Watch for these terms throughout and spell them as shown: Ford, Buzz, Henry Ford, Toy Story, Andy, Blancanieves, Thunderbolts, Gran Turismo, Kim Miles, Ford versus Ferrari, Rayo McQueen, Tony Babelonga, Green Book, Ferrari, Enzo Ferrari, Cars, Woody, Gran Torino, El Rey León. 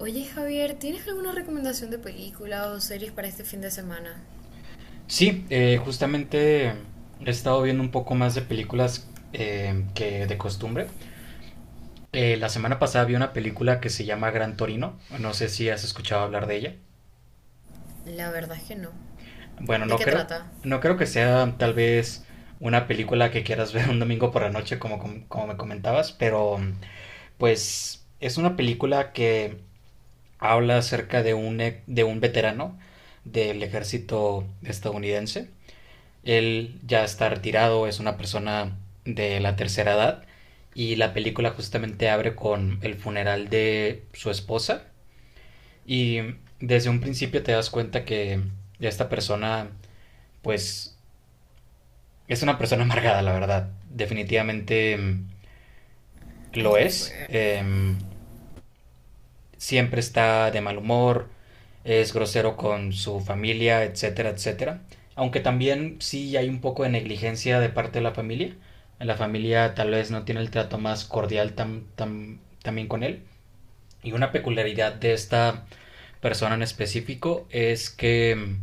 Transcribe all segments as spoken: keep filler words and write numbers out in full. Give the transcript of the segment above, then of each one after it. Oye Javier, ¿tienes alguna recomendación de película o series para este fin de semana? Sí, eh, justamente he estado viendo un poco más de películas eh, que de costumbre. Eh, la semana pasada vi una película que se llama Gran Torino. No sé si has escuchado hablar de ella. La verdad es que no. Bueno, ¿De no qué creo, trata? no creo que sea tal vez una película que quieras ver un domingo por la noche, como, como, como me comentabas, pero pues es una película que habla acerca de un, e- de un veterano del ejército estadounidense. Él ya está retirado, es una persona de la tercera edad y la película justamente abre con el funeral de su esposa y desde un principio te das cuenta que esta persona pues es una persona amargada, la verdad. Definitivamente mm, Ay, lo qué es. fuerte. Eh, siempre está de mal humor, es grosero con su familia, etcétera, etcétera. Aunque también sí hay un poco de negligencia de parte de la familia. La familia tal vez no tiene el trato más cordial tam- tam- también con él. Y una peculiaridad de esta persona en específico es que mm,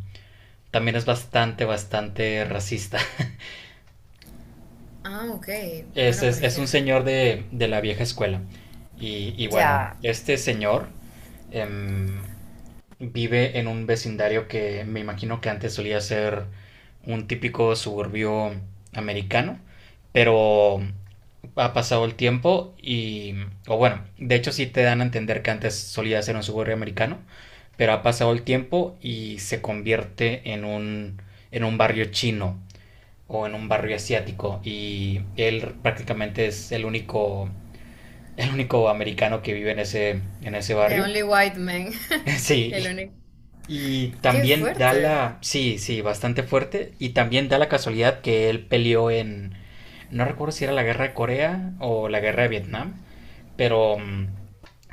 también es bastante, bastante racista. Ah, ok. Es, Bueno, pero es, es es que... un señor de, de la vieja escuela. Y, y bueno, Ya, este señor em, vive en un vecindario que me imagino que antes solía ser un típico suburbio americano, pero ha pasado el tiempo y, o bueno, de hecho sí te dan a entender que antes solía ser un suburbio americano, pero ha pasado el tiempo y se convierte en un, en un barrio chino o en un barrio asiático y él prácticamente es el único el único americano que vive en ese en ese The barrio. Only White Man. El Sí, único. y Qué también da fuerte. la... sí, sí, bastante fuerte. Y también da la casualidad que él peleó en, no recuerdo si era la guerra de Corea o la guerra de Vietnam, pero mm,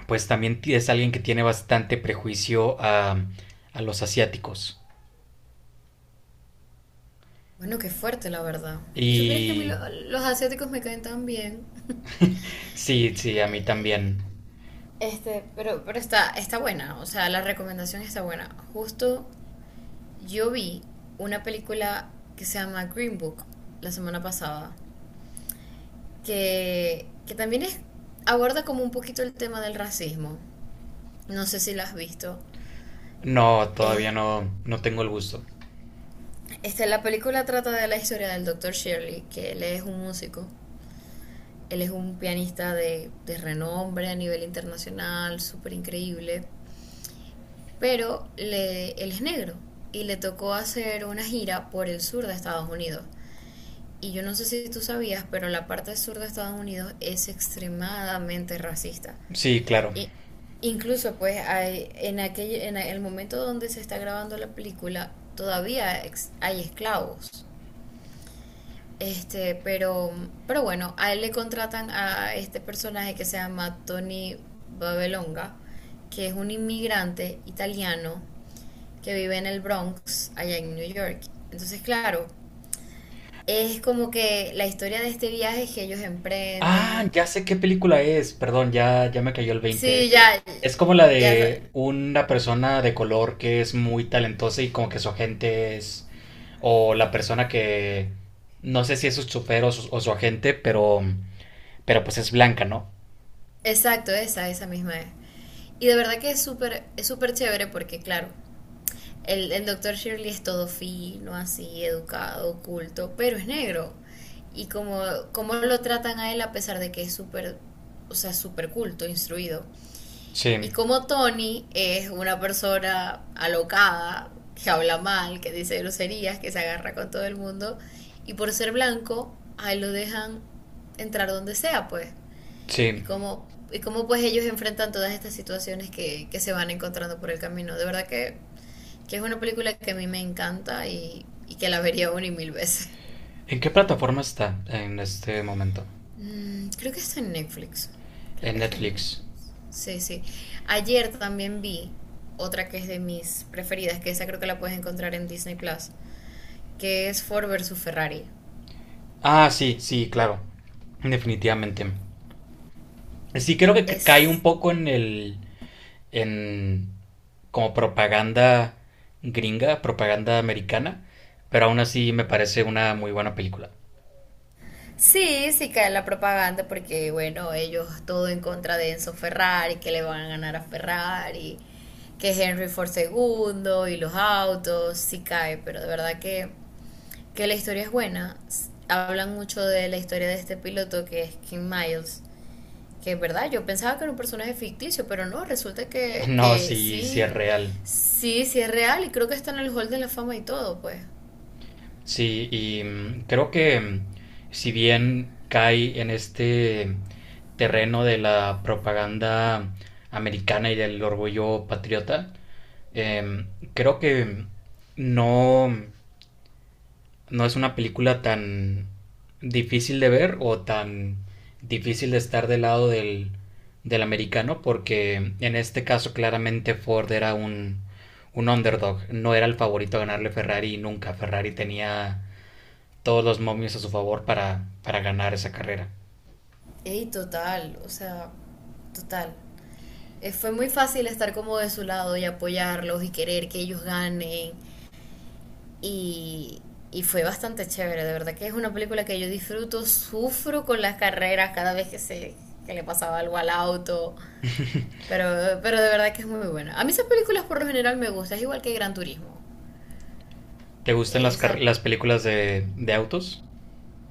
pues también es alguien que tiene bastante prejuicio a, a los asiáticos. Bueno, qué fuerte, la verdad. Y supieras que a mí Y lo- los asiáticos me caen tan bien. sí, sí, a mí también. Este, pero, pero está, está buena. O sea, la recomendación está buena. Justo yo vi una película que se llama Green Book la semana pasada. que, que también es, aborda como un poquito el tema del racismo. No sé si la has visto. No, todavía Es, no, no tengo el gusto. este, la película trata de la historia del doctor Shirley, que él es un músico. Él es un pianista de, de renombre a nivel internacional, súper increíble. Pero le, él es negro y le tocó hacer una gira por el sur de Estados Unidos. Y yo no sé si tú sabías, pero la parte sur de Estados Unidos es extremadamente racista. Sí, claro. I- incluso pues hay, en aquel, en el momento donde se está grabando la película todavía ex- hay esclavos. Este, pero, pero bueno, a él le contratan a este personaje que se llama Tony Babelonga, que es un inmigrante italiano que vive en el Bronx, allá en New York. Entonces, claro, es como que la historia de este viaje que ellos Ah, emprenden. ya sé qué película es. Perdón, ya, ya me cayó el veinte. Sí, Eh, ya, Es como la ya, de una persona de color que es muy talentosa y como que su agente es, o la persona que, no sé si es su chofer o su, o su agente, pero... Pero pues es blanca, ¿no? exacto, esa, esa misma es. Y de verdad que es súper es súper chévere porque, claro, el, el doctor Shirley es todo fino, así, educado, culto, pero es negro. Y como, como lo tratan a él a pesar de que es súper, o sea, súper culto, instruido. Y Sí, como Tony es una persona alocada, que habla mal, que dice groserías, que se agarra con todo el mundo, y por ser blanco, ahí lo dejan entrar donde sea, pues y sí. cómo, y cómo pues ellos enfrentan todas estas situaciones que, que se van encontrando por el camino. De verdad que, que es una película que a mí me encanta y, y que la vería una y mil veces. ¿En qué plataforma está en este momento? Mm, creo que está en Netflix. Creo En que está en Netflix. Netflix. Sí, sí. Ayer también vi otra que es de mis preferidas, que esa creo que la puedes encontrar en Disney Plus, que es Ford versus Ferrari. Ah, sí, sí, claro. Definitivamente. Sí, creo que ca- cae un Es poco en el... en como propaganda gringa, propaganda americana, pero aún así me parece una muy buena película. Sí, sí cae en la propaganda porque, bueno, ellos todo en contra de Enzo Ferrari, que le van a ganar a Ferrari, que Henry Ford segundo y los autos, sí cae, pero de verdad que, que la historia es buena. S- Hablan mucho de la historia de este piloto que es Kim Miles, que es verdad, yo pensaba que era un personaje ficticio, pero no, resulta que, No, que sí, sí sí, es real. sí, sí es real y creo que está en el Hall de la Fama y todo, pues. Sí, y mm, creo que mm, si bien cae en este terreno de la propaganda americana y del orgullo patriota, em, creo que no no es una película tan difícil de ver o tan difícil de estar del lado del, del americano porque en este caso claramente Ford era un, un underdog, no era el favorito a ganarle a Ferrari nunca, Ferrari tenía todos los momios a su favor para, para ganar esa carrera. Ey, total, o sea, total. Eh, fue muy fácil estar como de su lado y apoyarlos y querer que ellos ganen. Y, y fue bastante chévere, de verdad que es una película que yo disfruto, sufro con las carreras cada vez que se, que le pasaba algo al auto. Pero, pero de verdad que es muy buena. A mí esas películas por lo general me gustan, es igual que Gran Turismo. ¿Te gustan las, car- Esa, las películas de, de autos?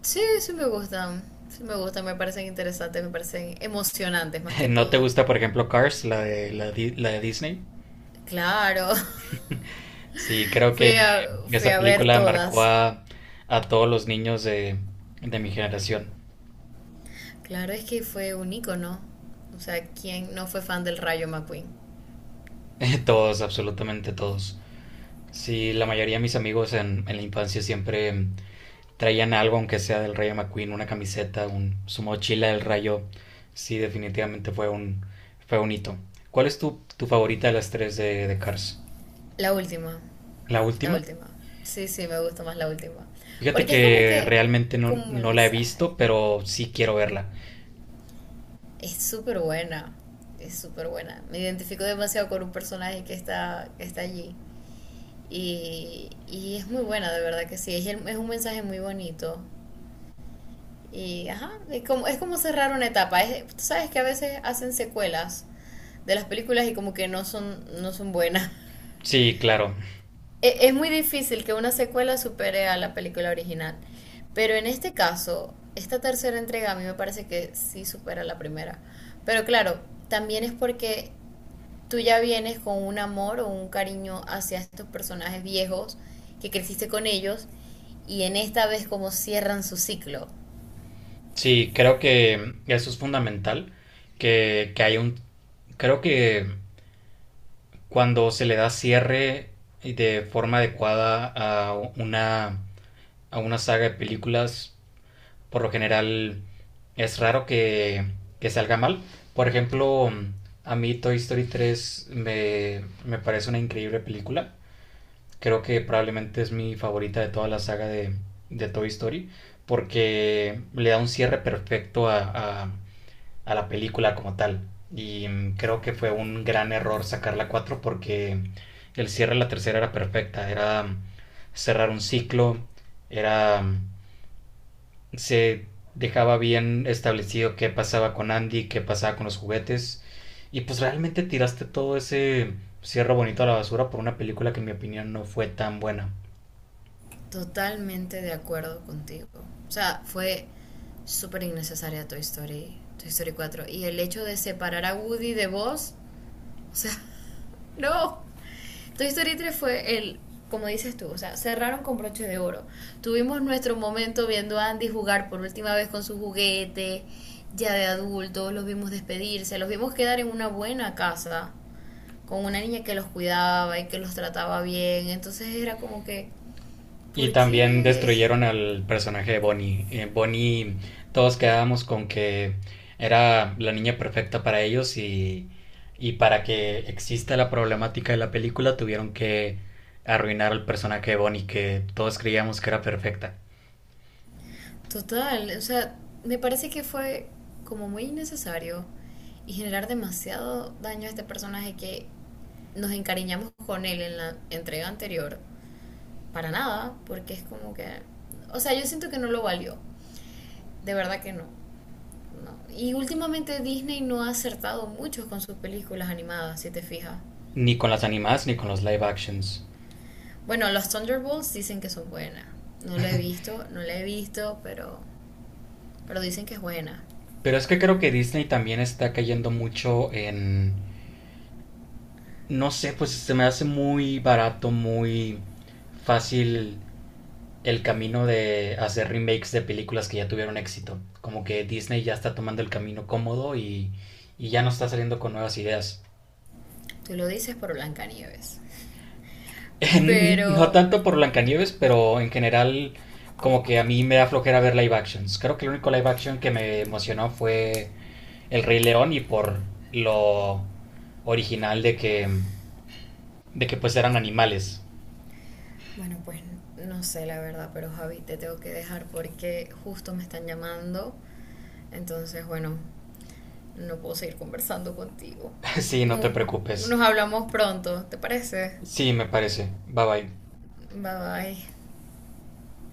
sí, sí me gustan, sí me gustan, me parecen interesantes, me parecen emocionantes más que ¿No te todo. gusta, por ejemplo, Cars, la de, la, de- la de Disney? Claro. Sí, creo que Fui a, fui esa a ver película marcó todas. a, a todos los niños de, de mi generación. Claro, es que fue un ícono. O sea, ¿quién no fue fan del Rayo McQueen? Todos, absolutamente todos. Sí, la mayoría de mis amigos en, en la infancia siempre mm, traían algo, aunque sea del Rayo McQueen, una camiseta, un, su mochila del Rayo. Sí, definitivamente fue un, fue un hito. ¿Cuál es tu, tu favorita de las tres de, de Cars? La última. ¿La La última? última. Sí, sí, me gusta más la última. Fíjate Porque es como que que, realmente no, como el no la he mensaje. visto, pero sí quiero verla. Es súper buena. Es súper buena. Me identifico demasiado con un personaje que está, que está allí. Y, y es muy buena, de verdad que sí. Es, el- es un mensaje muy bonito. Y ajá, es como, es como cerrar una etapa. Es- tú sabes que a veces hacen secuelas de las películas y como que no son, no son buenas. Sí, claro. E- Es muy difícil que una secuela supere a la película original, pero en este caso, esta tercera entrega a mí me parece que sí supera la primera. Pero claro, también es porque tú ya vienes con un amor o un cariño hacia estos personajes viejos que creciste con ellos y en esta vez como cierran su ciclo. Sí, creo que eso es fundamental. que, que hay un... Creo que cuando se le da cierre y de forma adecuada a una, a una saga de películas, por lo general es raro que, que salga mal. Por ejemplo, a mí Toy Story tres me, me parece una increíble película. Creo que probablemente es mi favorita de toda la saga de, de Toy Story, porque le da un cierre perfecto a, a a la película como tal. Y mm, creo que fue un gran error sacar la cuatro porque el cierre de la tercera era perfecta. Era mm, cerrar un ciclo, era... mm, se dejaba bien establecido qué pasaba con Andy, qué pasaba con los juguetes. Y pues realmente tiraste todo ese cierre bonito a la basura por una película que en mi opinión no fue tan buena. Totalmente de acuerdo contigo. O sea, fue súper innecesaria Toy Story, Toy Story cuatro. Y el hecho de separar a Woody de Buzz, o sea, no. Toy Story tres fue el, como dices tú, o sea, cerraron con broche de oro. Tuvimos nuestro momento viendo a Andy jugar por última vez con su juguete, ya de adultos, los vimos despedirse, los vimos quedar en una buena casa, con una niña que los cuidaba y que los trataba bien. Entonces era como que, Y ¿por también qué? destruyeron al personaje de Bonnie. Eh, Bonnie, todos quedábamos con que era la niña perfecta para ellos y, y para que exista la problemática de la película tuvieron que arruinar al personaje de Bonnie que todos creíamos que era perfecta. Total, o sea, me parece que fue como muy innecesario y generar demasiado daño a este personaje que nos encariñamos con él en la entrega anterior. Para nada, porque es como que... O sea, yo siento que no lo valió. De verdad que no. No. Y últimamente Disney no ha acertado mucho con sus películas animadas, si te fijas. Ni con las animadas ni con los live actions. Bueno, los Thunderbolts dicen que son buenas. No lo he visto, no la he visto, pero, pero dicen que es buena. Pero es que creo que Disney también está cayendo mucho en... No sé, pues se me hace muy barato, muy fácil el camino de hacer remakes de películas que ya tuvieron éxito. Como que Disney ya está tomando el camino cómodo y, y ya no está saliendo con nuevas ideas. Tú lo dices por Blancanieves. No Pero, tanto por Blancanieves, pero en general como que a mí me da flojera ver live actions. Creo que el único live action que me emocionó fue El Rey León y por lo original de que de que pues eran animales. bueno, pues no sé la verdad, pero Javi, te tengo que dejar porque justo me están llamando. Entonces, bueno, no puedo seguir conversando contigo. Sí, no te No, preocupes. nos hablamos pronto, ¿te parece? Sí, me parece. Bye bye. Bye bye.